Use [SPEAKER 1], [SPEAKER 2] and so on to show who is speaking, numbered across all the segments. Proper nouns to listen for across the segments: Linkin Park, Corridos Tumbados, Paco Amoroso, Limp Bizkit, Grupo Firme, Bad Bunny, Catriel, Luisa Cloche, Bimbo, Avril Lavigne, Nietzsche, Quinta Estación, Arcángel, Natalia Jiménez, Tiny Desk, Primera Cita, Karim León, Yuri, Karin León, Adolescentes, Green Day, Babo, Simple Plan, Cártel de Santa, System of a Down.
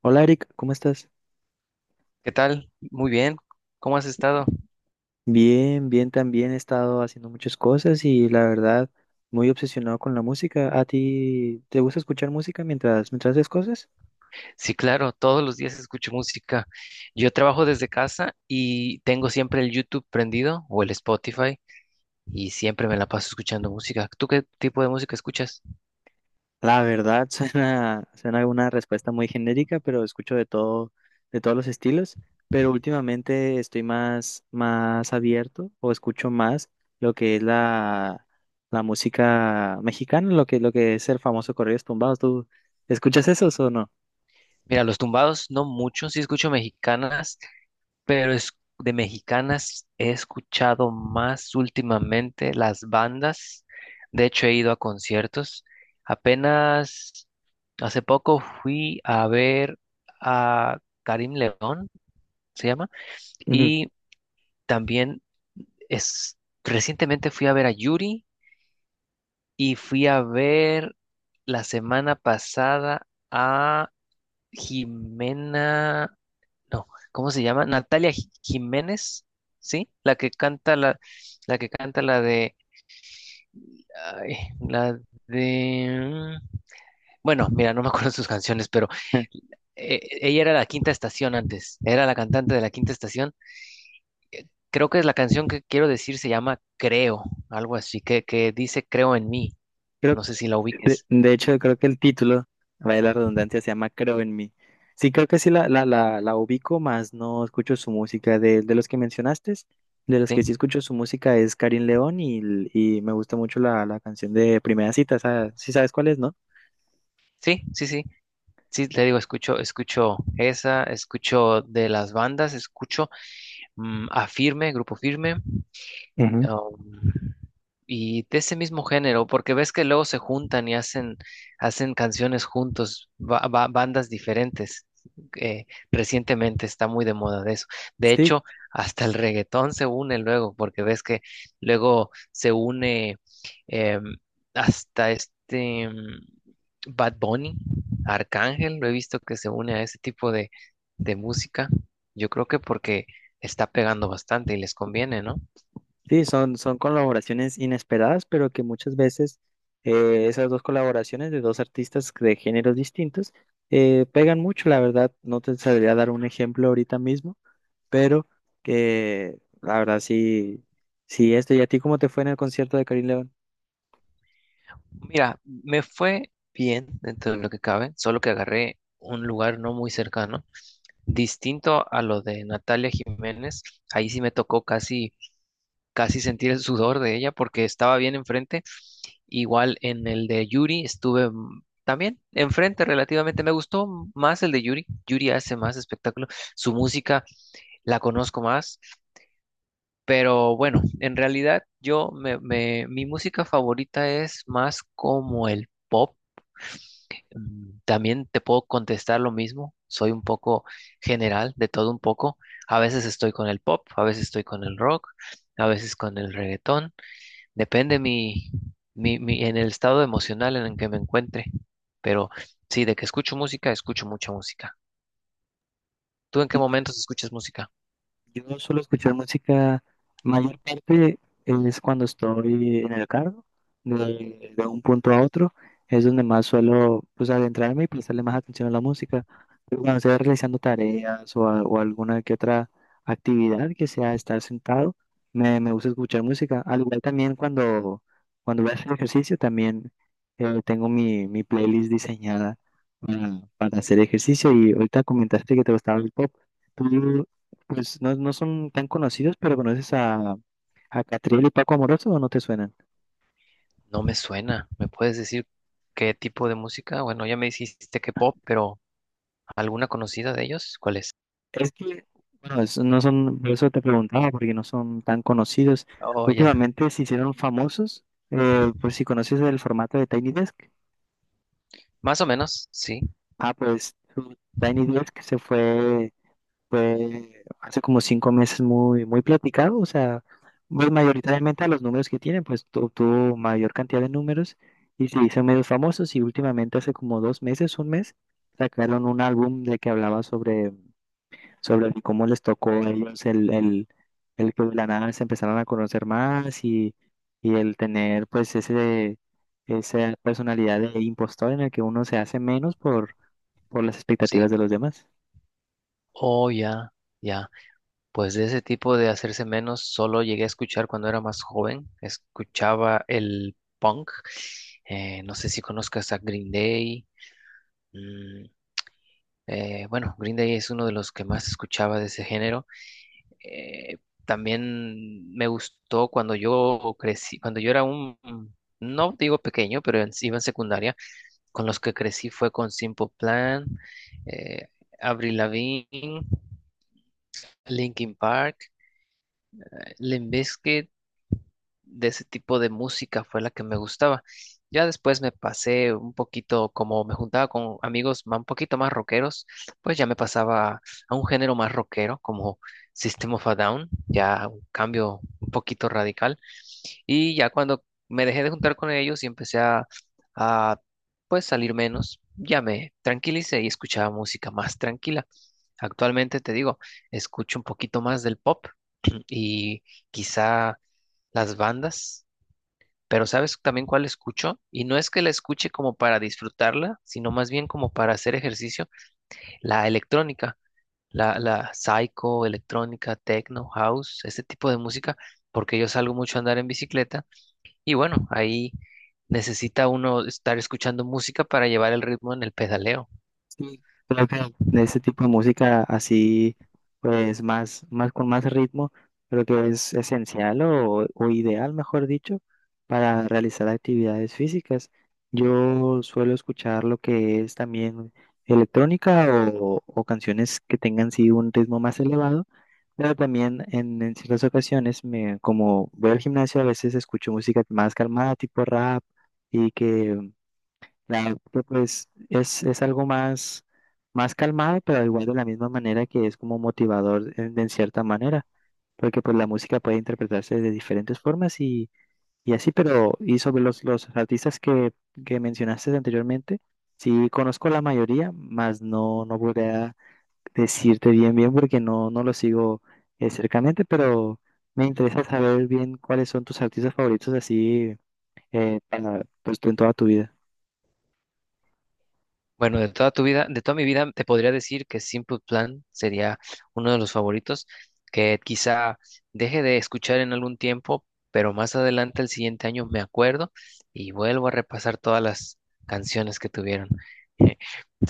[SPEAKER 1] Hola Eric, ¿cómo estás?
[SPEAKER 2] ¿Qué tal? Muy bien. ¿Cómo has estado?
[SPEAKER 1] Bien, bien, también he estado haciendo muchas cosas y la verdad muy obsesionado con la música. ¿A ti te gusta escuchar música mientras haces cosas?
[SPEAKER 2] Sí, claro, todos los días escucho música. Yo trabajo desde casa y tengo siempre el YouTube prendido o el Spotify y siempre me la paso escuchando música. ¿Tú qué tipo de música escuchas?
[SPEAKER 1] La verdad suena una respuesta muy genérica, pero escucho de todo, de todos los estilos. Pero últimamente estoy más abierto o escucho más lo que es la, la música mexicana, lo que es el famoso Corridos Tumbados. ¿Tú escuchas esos o no?
[SPEAKER 2] Mira, los tumbados no mucho, sí escucho mexicanas pero es, de mexicanas he escuchado más últimamente las bandas. De hecho, he ido a conciertos. Apenas hace poco fui a ver a Karim León, se llama,
[SPEAKER 1] Ujú.
[SPEAKER 2] y también es, recientemente fui a ver a Yuri y fui a ver la semana pasada a Jimena, no, ¿cómo se llama? Natalia Jiménez, ¿sí? La que canta la, la que canta la de, ay, la de, bueno, mira, no me acuerdo sus canciones, pero ella era la Quinta Estación antes, era la cantante de la Quinta Estación. Creo que es la canción que quiero decir se llama Creo, algo así, que dice Creo en mí.
[SPEAKER 1] Creo.
[SPEAKER 2] No sé si la
[SPEAKER 1] De,
[SPEAKER 2] ubiques,
[SPEAKER 1] de hecho, creo que el título, vaya la redundancia, se llama Creo en mí. Sí, creo que sí la ubico, más no escucho su música. De los que mencionaste, de los
[SPEAKER 2] ¿sí?
[SPEAKER 1] que sí escucho su música es Karin León y me gusta mucho la canción de Primera Cita. Esa- sí sabes cuál es, ¿no?
[SPEAKER 2] Sí, sí, sí. Sí, te digo, escucho, escucho esa, escucho de las bandas, escucho a Firme, Grupo Firme.
[SPEAKER 1] Ujú.
[SPEAKER 2] um, y de ese mismo género, porque ves que luego se juntan y hacen, hacen canciones juntos, bandas diferentes. eh, Recientemente está muy de moda de eso. De
[SPEAKER 1] Sí,
[SPEAKER 2] hecho, hasta el reggaetón se une luego, porque ves que luego se une em, hasta este, Bad Bunny, Arcángel, lo he visto que se une a ese tipo de música. Yo creo que porque está pegando bastante y les conviene, ¿no?
[SPEAKER 1] sí, son colaboraciones inesperadas, pero que muchas veces esas dos colaboraciones de dos artistas de géneros distintos pegan mucho, la verdad. No te sabría dar un ejemplo ahorita mismo, pero que la verdad sí, sí esto. ¿Y a ti cómo te fue en el concierto de Karim León?
[SPEAKER 2] Mira, me fue bien dentro de lo que cabe, solo que agarré un lugar no muy cercano, distinto a lo de Natalia Jiménez. Ahí sí me tocó casi, casi sentir el sudor de ella porque estaba bien enfrente. Igual en el de Yuri estuve también enfrente relativamente. Me gustó más el de Yuri. Yuri hace más espectáculo. Su música la conozco más. Pero bueno, en realidad mi música favorita es más como el pop. Mm, también te puedo contestar lo mismo. Soy un poco general, de todo un poco. A veces estoy con el pop, a veces estoy con el rock, a veces con el reggaetón. Depende en el estado emocional en el que me encuentre. Pero sí, de que escucho música, escucho mucha música. ¿Tú en qué momentos escuchas música?
[SPEAKER 1] Yo suelo escuchar música, mayor parte es cuando estoy en el carro, de un punto a otro, es donde más suelo, pues, adentrarme y prestarle más atención a la música. Pero cuando estoy realizando tareas o, a- o alguna que otra actividad que sea estar sentado, me gusta escuchar música. Al igual también cuando voy a hacer ejercicio, también tengo mi playlist diseñada para hacer ejercicio. Y ahorita comentaste que te gustaba el pop. Tú, pues no, no son tan conocidos, pero conoces a Catriel y Paco Amoroso o no te suenan.
[SPEAKER 2] No me suena. ¿Me puedes decir qué tipo de música? Bueno, ya me dijiste que pop, pero ¿alguna conocida de ellos? ¿Cuál es?
[SPEAKER 1] Es que, bueno, es- no son, por eso te preguntaba, porque no son tan conocidos.
[SPEAKER 2] Oh, ya.
[SPEAKER 1] Últimamente se hicieron famosos,
[SPEAKER 2] Ujú.
[SPEAKER 1] por si conoces el formato de Tiny Desk.
[SPEAKER 2] Más o menos, sí,
[SPEAKER 1] Ah, pues su Tiny Desk se fue fue hace como cinco meses muy platicado, o sea, pues mayoritariamente a los números que tienen, pues tu- tuvo mayor cantidad de números y se hizo medios famosos y últimamente hace como dos meses, un mes, sacaron un álbum de que hablaba sobre cómo les tocó a ellos el que de la nada se empezaron a conocer más y el tener pues esa personalidad de impostor en el que uno se hace menos por las
[SPEAKER 2] sí.
[SPEAKER 1] expectativas de los demás.
[SPEAKER 2] Oh, ya, ya. Pues de ese tipo de hacerse menos, solo llegué a escuchar cuando era más joven. Escuchaba el punk. No sé si conozcas a Green Day. Mm, bueno, Green Day es uno de los que más escuchaba de ese género. Eh, También me gustó cuando yo crecí, cuando yo era un, no digo pequeño, pero iba en secundaria. Con los que crecí fue con Simple Plan, eh, Avril Lavigne, Linkin Park, Limp Bizkit. De ese tipo de música fue la que me gustaba. Ya después me pasé un poquito, como me juntaba con amigos un poquito más rockeros, pues ya me pasaba a un género más rockero, como System of a Down, ya un cambio un poquito radical. Y ya cuando me dejé de juntar con ellos y empecé a, pues salir menos, ya me tranquilicé y escuchaba música más tranquila. Actualmente te digo, escucho un poquito más del pop, y quizá las bandas, pero ¿sabes también cuál escucho? Y no es que la escuche como para disfrutarla, sino más bien como para hacer ejercicio, la electrónica, la psycho, electrónica, techno, house, este tipo de música, porque yo salgo mucho a andar en bicicleta y bueno, ahí necesita uno estar escuchando música para llevar el ritmo en el pedaleo.
[SPEAKER 1] Sí, creo que de este tipo de música así, pues más con más ritmo, creo que es esencial o ideal, mejor dicho, para realizar actividades físicas. Yo suelo escuchar lo que es también electrónica o canciones que tengan sí un ritmo más elevado, pero también en ciertas ocasiones, me, como voy al gimnasio, a veces escucho música más calmada, tipo rap, y que. Claro, que pues es algo más calmado, pero igual de la misma manera que es como motivador en cierta manera, porque pues la música puede interpretarse de diferentes formas y así. Pero y sobre los artistas que mencionaste anteriormente, sí conozco la mayoría, más no, no podría decirte bien bien porque no, no lo sigo cercamente, pero me interesa saber bien cuáles son tus artistas favoritos así para, pues, en toda tu vida.
[SPEAKER 2] Bueno, de toda tu vida, de toda mi vida, te podría decir que Simple Plan sería uno de los favoritos, que quizá deje de escuchar en algún tiempo, pero más adelante, el siguiente año, me acuerdo y vuelvo a repasar todas las canciones que tuvieron.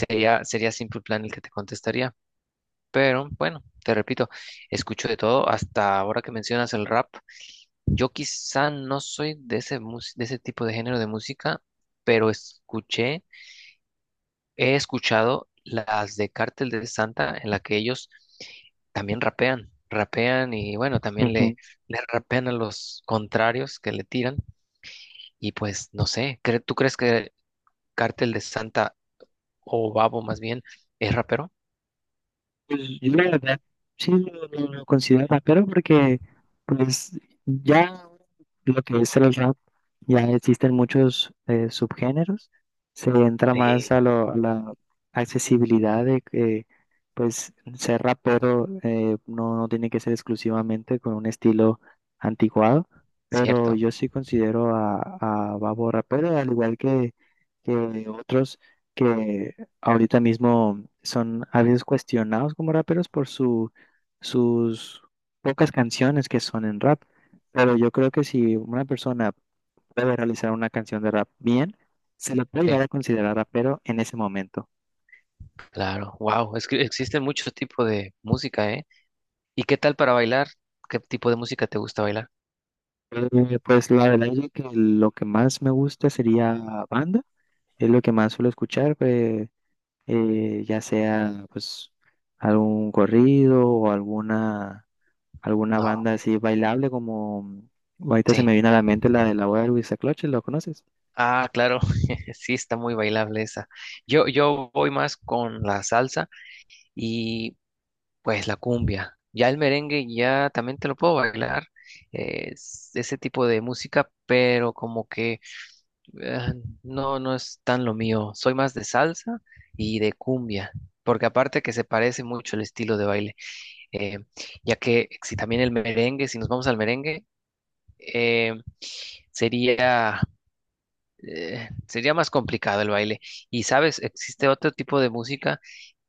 [SPEAKER 2] Sería, sería Simple Plan el que te contestaría, pero bueno, te repito, escucho de todo, hasta ahora que mencionas el rap, yo quizá no soy de ese, de ese tipo de género de música, pero escuché. He escuchado las de Cártel de Santa en la que ellos también rapean, rapean y bueno, también le rapean a los contrarios que le tiran. Y pues no sé, ¿tú crees que Cártel de Santa o Babo más bien es rapero?
[SPEAKER 1] Pues, yo la verdad sí lo considero rapero porque pues ya lo que es el rap, ya existen muchos subgéneros, se entra
[SPEAKER 2] Sí.
[SPEAKER 1] más a, lo- a la accesibilidad de que pues ser rapero no, no tiene que ser exclusivamente con un estilo anticuado, pero
[SPEAKER 2] Cierto,
[SPEAKER 1] yo sí considero a Babo rapero, al igual que otros que ahorita mismo son a veces cuestionados como raperos por sus pocas canciones que son en rap. Pero yo creo que si una persona puede realizar una canción de rap bien, se le puede
[SPEAKER 2] sí,
[SPEAKER 1] llegar a considerar rapero en ese momento.
[SPEAKER 2] claro, wow, es que existen muchos tipos de música, ¿eh? ¿Y qué tal para bailar? ¿Qué tipo de música te gusta bailar?
[SPEAKER 1] Pues la verdad es que lo que más me gusta sería banda, es lo que más suelo escuchar, pues, ya sea pues algún corrido o alguna
[SPEAKER 2] No,
[SPEAKER 1] banda así bailable como ahorita se
[SPEAKER 2] sí.
[SPEAKER 1] me viene a la mente la de la boda de Luisa Cloche, ¿lo conoces?
[SPEAKER 2] Ah, claro, sí está muy bailable esa. Yo voy más con la salsa y pues la cumbia. Ya el merengue ya también te lo puedo bailar, es ese tipo de música, pero como que eh, no, no es tan lo mío. Soy más de salsa y de cumbia, porque aparte que se parece mucho el estilo de baile, eh, ya que si también el merengue, si nos vamos al merengue, eh, sería sería más complicado el baile. Y sabes, existe otro tipo de música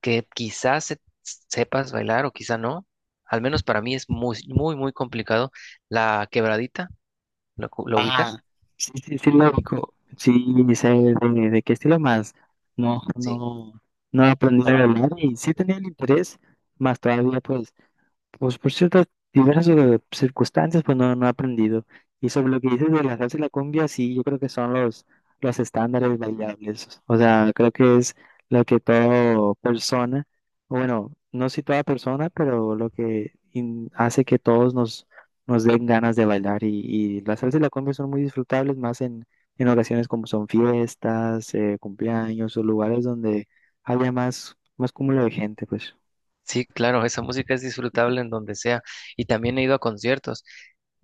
[SPEAKER 2] que quizás sepas bailar o quizá no. Al menos para mí es muy, muy, muy complicado. La quebradita, ¿lo
[SPEAKER 1] Ah,
[SPEAKER 2] ubicas?
[SPEAKER 1] sí, sí, sí, lo ubico. Sí, sé de qué estilo más. No,
[SPEAKER 2] Sí,
[SPEAKER 1] no, no aprendí a
[SPEAKER 2] hola.
[SPEAKER 1] bailar y sí tenía el interés, más todavía pues. Pues por ciertas diversas circunstancias, pues no, no he aprendido. Y sobre lo que dices de la salsa y la cumbia, sí, yo creo que son los estándares bailables. O sea, creo que es lo que toda persona, o bueno, no si toda persona, pero lo que in- hace que todos nos den ganas de bailar. Y la salsa y la cumbia son muy disfrutables, más en ocasiones como son fiestas, cumpleaños o lugares donde haya más cúmulo de gente, pues.
[SPEAKER 2] Sí, claro, esa música es disfrutable en donde sea. Y también he ido a conciertos.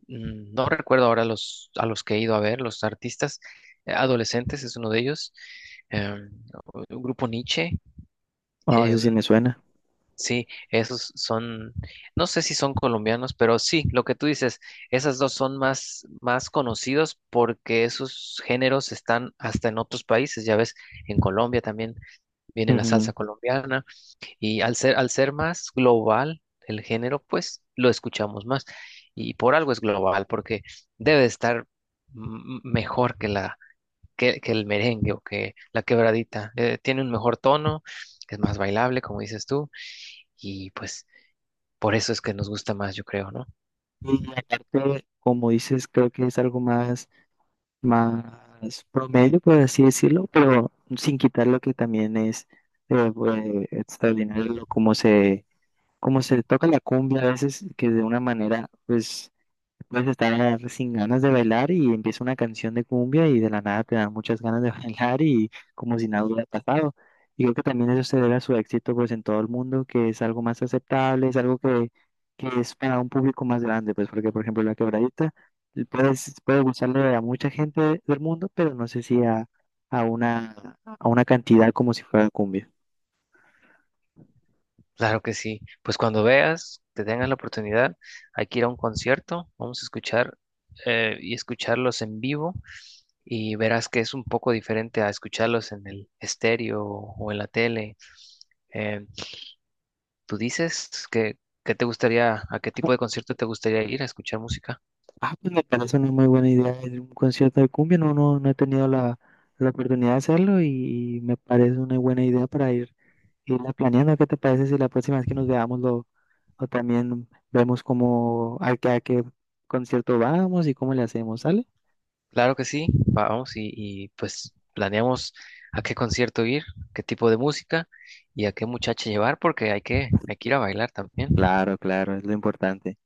[SPEAKER 2] Mm, no recuerdo ahora los, a los que he ido a ver, los artistas. Adolescentes es uno de ellos. em, el grupo Nietzsche.
[SPEAKER 1] Ah, eso sí me suena.
[SPEAKER 2] Sí, esos son, no sé si son colombianos, pero sí, lo que tú dices, esas dos son más, más conocidos porque esos géneros están hasta en otros países, ya ves, en Colombia también viene la salsa
[SPEAKER 1] Ujú.
[SPEAKER 2] colombiana y al ser más global el género, pues lo escuchamos más y por algo es global, porque debe de estar mejor que la, que el merengue o que la quebradita, tiene un mejor tono, es más bailable, como dices tú, y pues... Por eso es que nos gusta más, yo creo, ¿no?
[SPEAKER 1] Y aparte, como dices, creo que es algo más promedio, por así decirlo, pero sin quitar lo que también es pues, extraordinario, como se toca la cumbia a veces, que de una manera, pues vas a estar sin ganas de bailar y empieza una canción de cumbia y de la nada te dan muchas ganas de bailar y como si nada hubiera pasado. Y creo que también eso se debe a su éxito pues en todo el mundo, que es algo más aceptable, es algo que es para un público más grande, pues porque por ejemplo la quebradita puedes, puede gustarle a mucha gente del mundo, pero no sé si a, a una cantidad como si fuera cumbia.
[SPEAKER 2] Claro que sí. Pues cuando veas, te tengas la oportunidad, hay que ir a un concierto, vamos a escuchar y escucharlos en vivo y verás que es un poco diferente a escucharlos en el estéreo o en la tele. Eh, ¿Tú dices que te gustaría, a qué tipo de concierto te gustaría ir a escuchar música?
[SPEAKER 1] Ah, pues me parece una muy buena idea ir un concierto de cumbia. No, no, no he tenido la oportunidad de hacerlo y me parece una buena idea para ir irla planeando. ¿Qué te parece si la próxima vez que nos veamos lo, o también vemos cómo a qué concierto vamos y cómo le hacemos, ¿sale?
[SPEAKER 2] Claro que sí, vamos y pues planeamos a qué concierto ir, qué tipo de música y a qué muchacha llevar porque hay que ir a bailar también.
[SPEAKER 1] Claro, claro, es lo importante.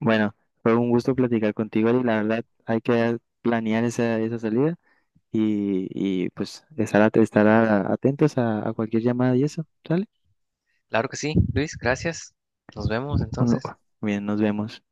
[SPEAKER 1] Bueno, fue un gusto platicar contigo y la verdad hay que planear esa salida y pues estar, at- estar a- atentos a cualquier llamada y eso, ¿sale?
[SPEAKER 2] Claro que sí, Luis, gracias. Nos vemos
[SPEAKER 1] Bueno,
[SPEAKER 2] entonces.
[SPEAKER 1] bien, nos vemos.